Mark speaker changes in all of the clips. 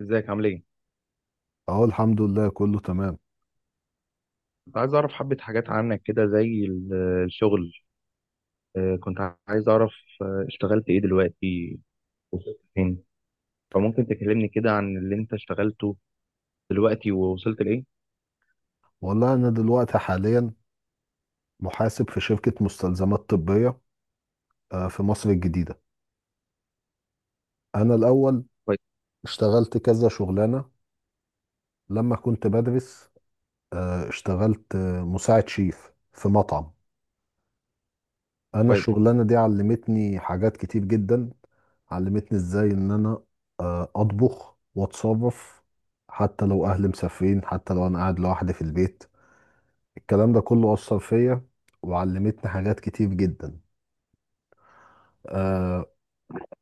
Speaker 1: ازيك عامل ايه؟
Speaker 2: اه الحمد لله كله تمام.
Speaker 1: كنت عايز اعرف حبة حاجات عنك كده زي الشغل. كنت عايز اعرف اشتغلت ايه دلوقتي، وصلت فين؟ فممكن تكلمني كده عن اللي انت اشتغلته دلوقتي ووصلت لايه؟
Speaker 2: والله انا دلوقتي حاليا محاسب في شركة مستلزمات طبية، في مصر الجديدة. انا الاول
Speaker 1: كويس.
Speaker 2: اشتغلت كذا شغلانة لما كنت بدرس. اشتغلت مساعد شيف في مطعم. انا
Speaker 1: كويس.
Speaker 2: الشغلانة دي علمتني حاجات كتير جدا، علمتني ازاي ان انا اطبخ واتصرف، حتى لو اهلي مسافرين، حتى لو انا قاعد لوحدي في البيت. الكلام ده كله اثر فيا وعلمتني حاجات كتير جدا. آه،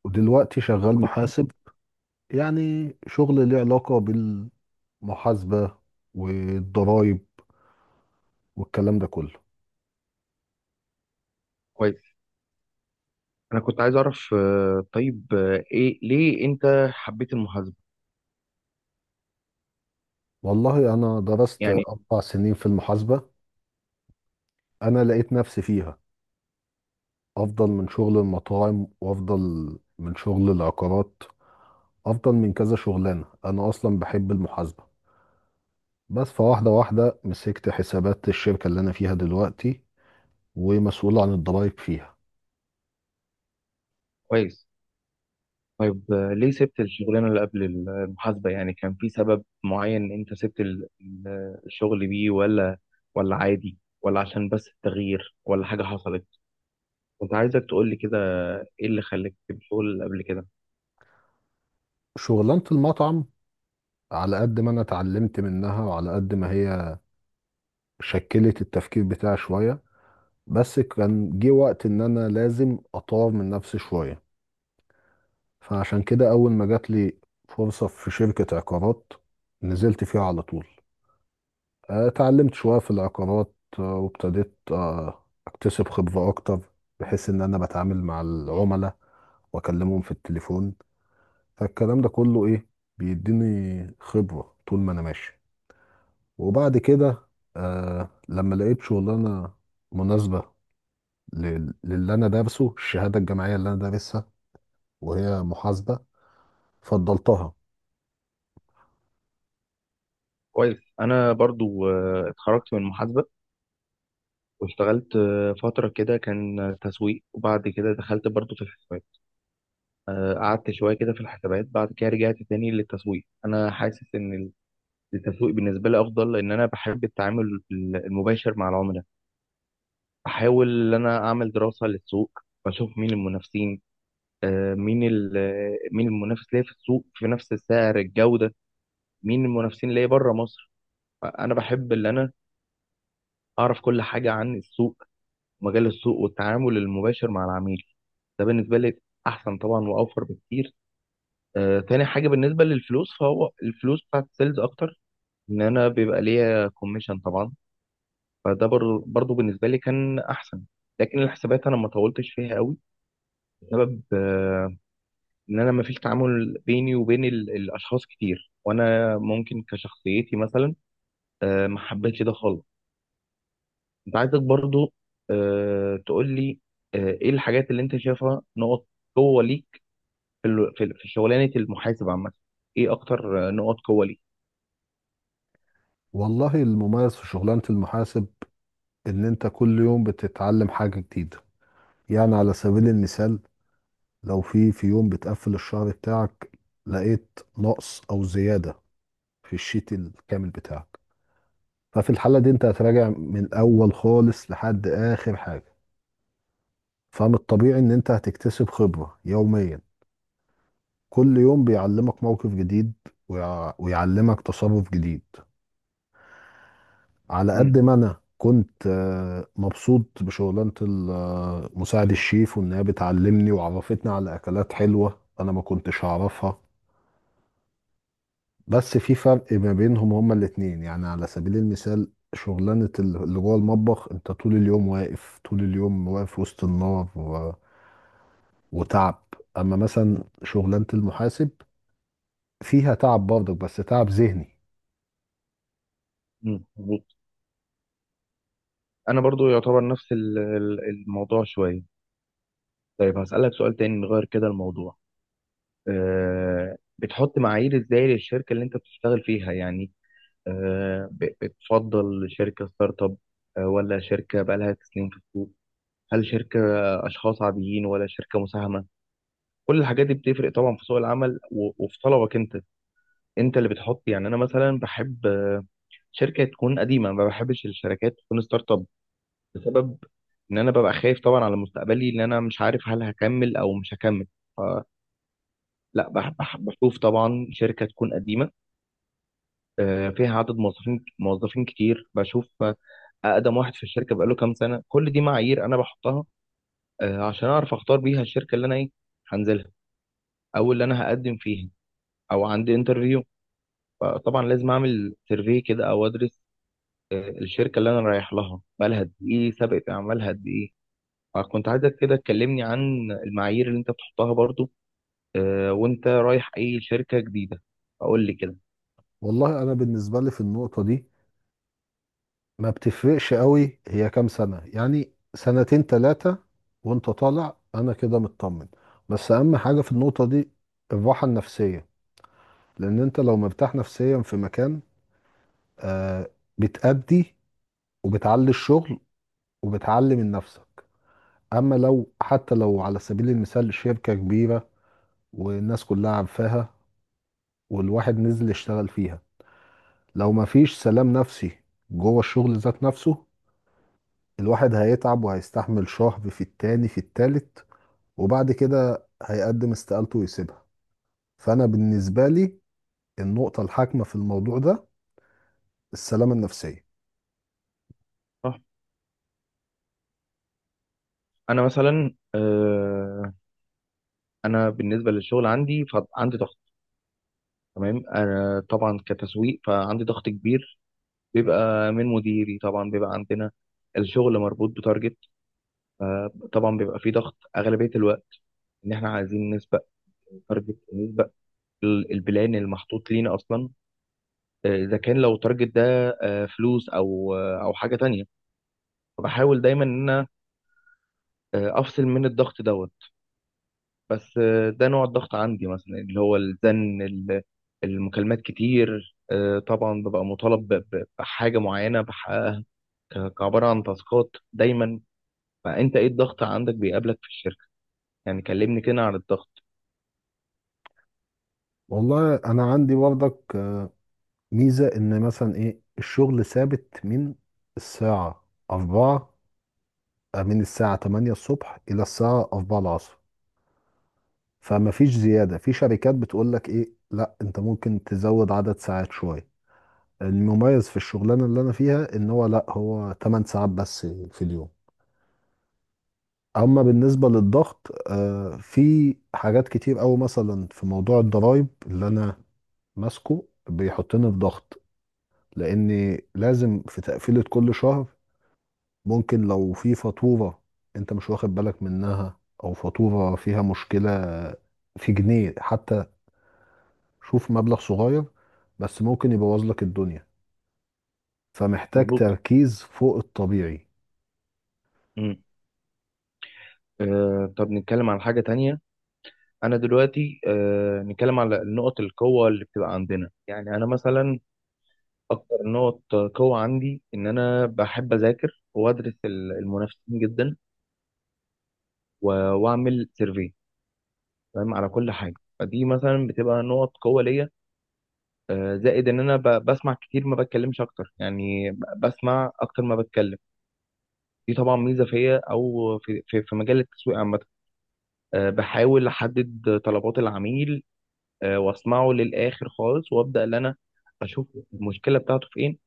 Speaker 2: ودلوقتي شغال محاسب، يعني شغل له علاقة بالمحاسبة والضرايب والكلام ده كله.
Speaker 1: كويس. انا كنت عايز اعرف، طيب، ايه؟ ليه انت حبيت المحاسبة؟
Speaker 2: والله أنا درست
Speaker 1: يعني
Speaker 2: 4 سنين في المحاسبة. أنا لقيت نفسي فيها، أفضل من شغل المطاعم، وأفضل من شغل العقارات، أفضل من كذا شغلانة. أنا أصلا بحب المحاسبة، بس فواحدة واحدة مسكت حسابات الشركة اللي أنا فيها دلوقتي ومسؤول عن الضرايب فيها.
Speaker 1: كويس. طيب، ليه سبت الشغلانة اللي قبل المحاسبة؟ يعني كان في سبب معين انت سبت الشغل بيه ولا ولا عادي، ولا عشان بس التغيير، ولا حاجة حصلت؟ كنت عايزك تقول لي كده، ايه اللي خلاك بتقول قبل كده.
Speaker 2: شغلانة المطعم، على قد ما انا اتعلمت منها وعلى قد ما هي شكلت التفكير بتاعي شوية، بس كان جه وقت ان انا لازم اطور من نفسي شوية. فعشان كده اول ما جات لي فرصة في شركة عقارات نزلت فيها على طول. اتعلمت شوية في العقارات، وابتديت اكتسب خبرة اكتر، بحيث ان انا بتعامل مع العملاء واكلمهم في التليفون. فالكلام ده كله ايه، بيديني خبرة طول ما انا ماشي. وبعد كده لما لقيت شغلانة مناسبة للي أنا دارسه، الشهادة الجامعية اللي أنا دارسها وهي محاسبة، فضلتها.
Speaker 1: كويس. انا برضو اتخرجت من محاسبه، واشتغلت فتره كده كان تسويق، وبعد كده دخلت برضو في الحسابات. قعدت شويه كده في الحسابات، بعد كده رجعت تاني للتسويق. انا حاسس ان التسويق بالنسبه لي افضل، لان انا بحب التعامل المباشر مع العملاء. بحاول ان انا اعمل دراسه للسوق، بشوف مين المنافسين، آه، مين ال- مين المنافس ليا في السوق، في نفس السعر، الجوده، مين المنافسين ليا بره مصر. انا بحب اللي انا اعرف كل حاجه عن السوق، مجال السوق، والتعامل المباشر مع العميل. ده بالنسبه لي احسن طبعا، واوفر بكتير. آه، تاني حاجه بالنسبه للفلوس، فهو الفلوس بتاعت السيلز اكتر، ان انا بيبقى ليا كوميشن طبعا. فده برضو بالنسبه لي كان احسن. لكن الحسابات انا ما طولتش فيها قوي، بسبب ان انا ما فيش تعامل بيني وبين الاشخاص كتير، وانا ممكن كشخصيتي مثلا آه، ما حبيتش ده خالص. انت عايزك برضو تقول لي آه، ايه الحاجات اللي انت شايفها نقط قوة ليك في ال... في في شغلانة المحاسب عامة؟ ايه اكتر نقط قوة ليك؟
Speaker 2: والله المميز في شغلانة المحاسب إن أنت كل يوم بتتعلم حاجة جديدة. يعني على سبيل المثال، لو في يوم بتقفل الشهر بتاعك لقيت نقص أو زيادة في الشيت الكامل بتاعك، ففي الحالة دي أنت هتراجع من الأول خالص لحد آخر حاجة. فمن الطبيعي ان انت هتكتسب خبرة يوميا، كل يوم بيعلمك موقف جديد ويعلمك تصرف جديد. على قد
Speaker 1: امم.
Speaker 2: ما انا كنت مبسوط بشغلانة مساعد الشيف وانها بتعلمني وعرفتني على اكلات حلوة انا ما كنتش اعرفها، بس في فرق ما بينهم هما الاتنين. يعني على سبيل المثال، شغلانة اللي جوه المطبخ انت طول اليوم واقف طول اليوم واقف وسط النار وتعب. اما مثلا شغلانة المحاسب فيها تعب برضك، بس تعب ذهني.
Speaker 1: امم، مظبوط. انا برضو يعتبر نفس الموضوع شوية. طيب، هسألك سؤال تاني، نغير كده الموضوع. بتحط معايير ازاي للشركة اللي انت بتشتغل فيها؟ يعني آه، بتفضل شركة ستارت اب، ولا شركة بقالها سنين في السوق؟ هل شركة اشخاص عاديين، ولا شركة مساهمة؟ كل الحاجات دي بتفرق طبعا في سوق العمل، وفي طلبك انت. انت اللي بتحط. يعني انا مثلا بحب شركه تكون قديمه، ما بحبش الشركات تكون ستارت اب، بسبب ان انا ببقى خايف طبعا على مستقبلي، ان انا مش عارف هل هكمل او مش هكمل. فلا، بشوف طبعا شركه تكون قديمه، فيها عدد موظفين كتير. بشوف اقدم واحد في الشركه بقاله كام سنه. كل دي معايير انا بحطها عشان اعرف اختار بيها الشركه اللي انا ايه هنزلها، او اللي انا هقدم فيها، او عندي انترفيو. فطبعا لازم اعمل سيرفي كده، او ادرس الشركه اللي انا رايح لها، بقالها قد ايه، سابقه اعمالها قد ايه. فكنت عايزك كده تكلمني عن المعايير اللي انت بتحطها برضو، وانت رايح اي شركه جديده. اقول لي كده.
Speaker 2: والله انا بالنسبه لي في النقطه دي، ما بتفرقش قوي هي كام سنه، يعني سنتين ثلاثه وانت طالع، انا كده مطمن. بس اهم حاجه في النقطه دي الراحه النفسيه، لان انت لو مرتاح نفسيا في مكان آه بتأدي وبتعلي الشغل وبتعلي من نفسك. اما لو، حتى لو على سبيل المثال شركه كبيره والناس كلها عارفاها والواحد نزل يشتغل فيها، لو ما فيش سلام نفسي جوه الشغل ذات نفسه، الواحد هيتعب وهيستحمل شهر في التاني في التالت وبعد كده هيقدم استقالته ويسيبها. فأنا بالنسبة لي النقطة الحاكمة في الموضوع ده السلامة النفسية.
Speaker 1: صح. انا مثلا آه، انا بالنسبه للشغل عندي فعندي ضغط. تمام، انا طبعا كتسويق فعندي ضغط كبير، بيبقى من مديري طبعا. بيبقى عندنا الشغل مربوط بتارجت. طبعا بيبقى فيه ضغط اغلبيه الوقت، ان احنا عايزين نسبق تارجت، البلان اللي محطوط لينا اصلا. اذا كان لو التارجت ده فلوس، او او حاجه تانية، فبحاول دايما ان انا افصل من الضغط دوت. بس آه، ده نوع الضغط عندي مثلا، اللي هو الزن، المكالمات كتير. طبعا ببقى مطالب بحاجه معينه بحققها، كعباره عن تاسكات دايما. فانت ايه الضغط عندك بيقابلك في الشركه؟ يعني كلمني كده عن الضغط.
Speaker 2: والله أنا عندي برضك ميزة، إن مثلا إيه الشغل ثابت الساعة أربعة من الساعة 8 الصبح إلى الساعة 4 العصر، فمفيش زيادة. في شركات بتقول لك إيه، لا أنت ممكن تزود عدد ساعات شوية، المميز في الشغلانه اللي انا فيها ان هو لا، هو 8 ساعات بس في اليوم. اما بالنسبه للضغط، في حاجات كتير قوي، مثلا في موضوع الضرايب اللي انا ماسكه بيحطني في ضغط، لاني لازم في تقفيله كل شهر. ممكن لو في فاتوره انت مش واخد بالك منها، او فاتوره فيها مشكله في جنيه حتى، شوف مبلغ صغير بس ممكن يبوظ لك الدنيا، فمحتاج
Speaker 1: مظبوط.
Speaker 2: تركيز فوق الطبيعي.
Speaker 1: مم. آه، طب نتكلم عن حاجه تانية. انا دلوقتي نتكلم على نقط القوه اللي بتبقى عندنا. يعني انا مثلا اكتر نقط قوه عندي، ان انا بحب اذاكر وادرس المنافسين جدا، و- واعمل سيرفي تمام على كل حاجه. فدي مثلا بتبقى نقط قوه ليا. آه، زائد ان انا بسمع كتير ما بتكلمش اكتر. يعني بسمع اكتر ما بتكلم. دي طبعا ميزه فيا، او في مجال التسويق عامه. آه، بحاول احدد طلبات العميل، واسمعه للاخر خالص، وابدا ان انا اشوف المشكله بتاعته فين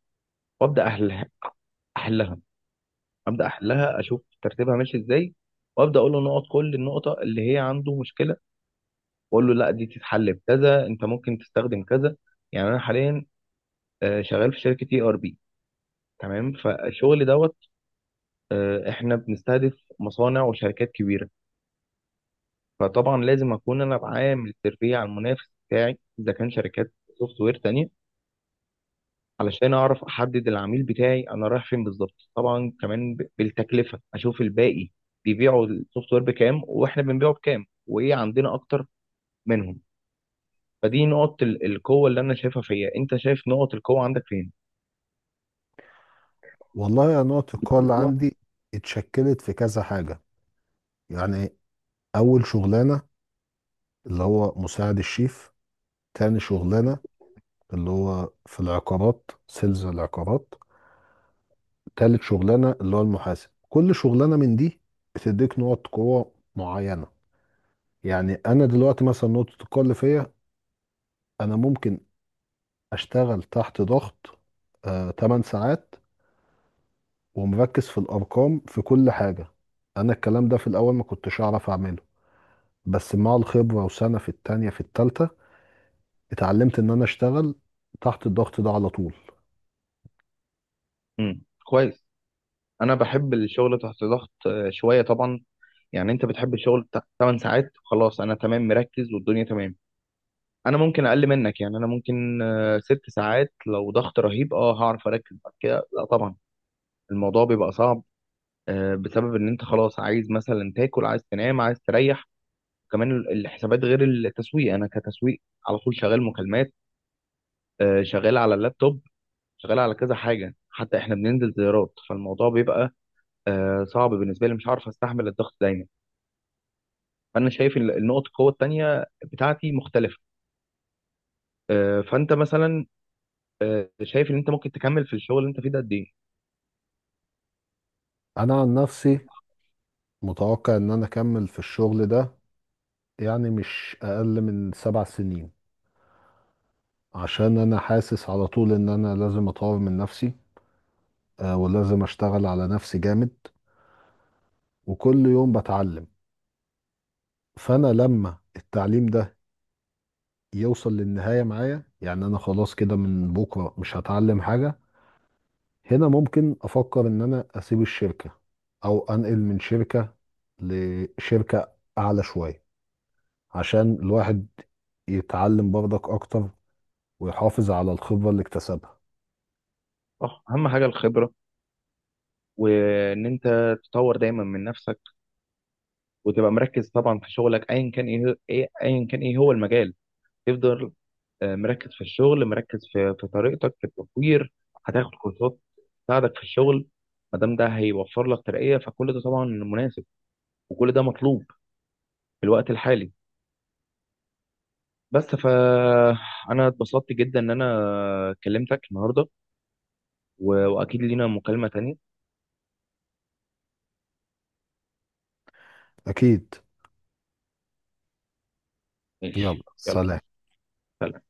Speaker 1: وابدا احلها. احلها، ابدا احلها، اشوف ترتيبها ماشي ازاي، وابدا اقول له نقط، كل النقطه اللي هي عنده مشكله، واقول له لا، دي تتحل بكذا، انت ممكن تستخدم كذا. يعني انا حاليا شغال في شركه اي ار بي. تمام، فالشغل دوت، احنا بنستهدف مصانع وشركات كبيره. فطبعا لازم اكون انا بعامل سيرفي على المنافس بتاعي، اذا كان شركات سوفت وير تانية، علشان اعرف احدد العميل بتاعي انا رايح فين بالظبط. طبعا كمان بالتكلفه اشوف الباقي بيبيعوا السوفت وير بكام، واحنا بنبيعه بكام، وايه عندنا اكتر منهم. فدي نقط القوه اللي انا شايفها فيا. انت شايف نقط القوه عندك فين؟
Speaker 2: والله أنا نقطة القوة اللي عندي اتشكلت في كذا حاجة. يعني أول شغلانة اللي هو مساعد الشيف، تاني شغلانة اللي هو في العقارات، سيلز العقارات، تالت شغلانة اللي هو المحاسب، كل شغلانة من دي بتديك نقط قوة معينة. يعني أنا دلوقتي مثلا نقطة القوة اللي فيا، أنا ممكن أشتغل تحت ضغط 8 ساعات ومركز في الأرقام في كل حاجة. أنا الكلام ده في الأول ما كنتش أعرف أعمله، بس مع الخبرة وسنة في التانية في التالتة اتعلمت ان انا اشتغل تحت الضغط ده على طول.
Speaker 1: امم، كويس. انا بحب الشغل تحت ضغط شويه طبعا. يعني انت بتحب الشغل 8 ساعات خلاص، انا تمام، مركز والدنيا تمام. انا ممكن اقل منك، يعني انا ممكن ست ساعات لو ضغط رهيب، اه هعرف اركز، بعد كده لا طبعا الموضوع بيبقى صعب، بسبب ان انت خلاص عايز مثلا تاكل، عايز تنام، عايز تريح. كمان الحسابات غير التسويق. انا كتسويق على طول شغال مكالمات، شغال على اللابتوب، شغال على كذا حاجه، حتى احنا بننزل زيارات. فالموضوع بيبقى صعب بالنسبه لي، مش عارف استحمل الضغط دايما. فانا شايف النقط القوه التانيه بتاعتي مختلفه. فانت مثلا شايف ان انت ممكن تكمل في الشغل اللي انت فيه ده قد ايه؟
Speaker 2: انا عن نفسي متوقع ان انا اكمل في الشغل ده، يعني مش اقل من 7 سنين، عشان انا حاسس على طول ان انا لازم اطور من نفسي ولازم اشتغل على نفسي جامد وكل يوم بتعلم. فانا لما التعليم ده يوصل للنهاية معايا، يعني انا خلاص كده من بكرة مش هتعلم حاجة، هنا ممكن افكر ان انا اسيب الشركه او انقل من شركه لشركه اعلى شويه، عشان الواحد يتعلم برضك اكتر ويحافظ على الخبره اللي اكتسبها.
Speaker 1: صح، اهم حاجه الخبره، وان انت تطور دايما من نفسك، وتبقى مركز طبعا في شغلك، ايا كان ايه هو- ايه ايا كان ايه هو المجال. تفضل مركز في الشغل، مركز في طريقتك في التطوير. هتاخد كورسات تساعدك في الشغل، ما دام ده هيوفر لك ترقية، فكل ده طبعا مناسب، وكل ده مطلوب في الوقت الحالي. بس فأنا اتبسطت جدا إن أنا كلمتك النهاردة، وأكيد لينا مكالمة تانية.
Speaker 2: اكيد. يلا
Speaker 1: ماشي، يلا.
Speaker 2: سلام.
Speaker 1: سلام.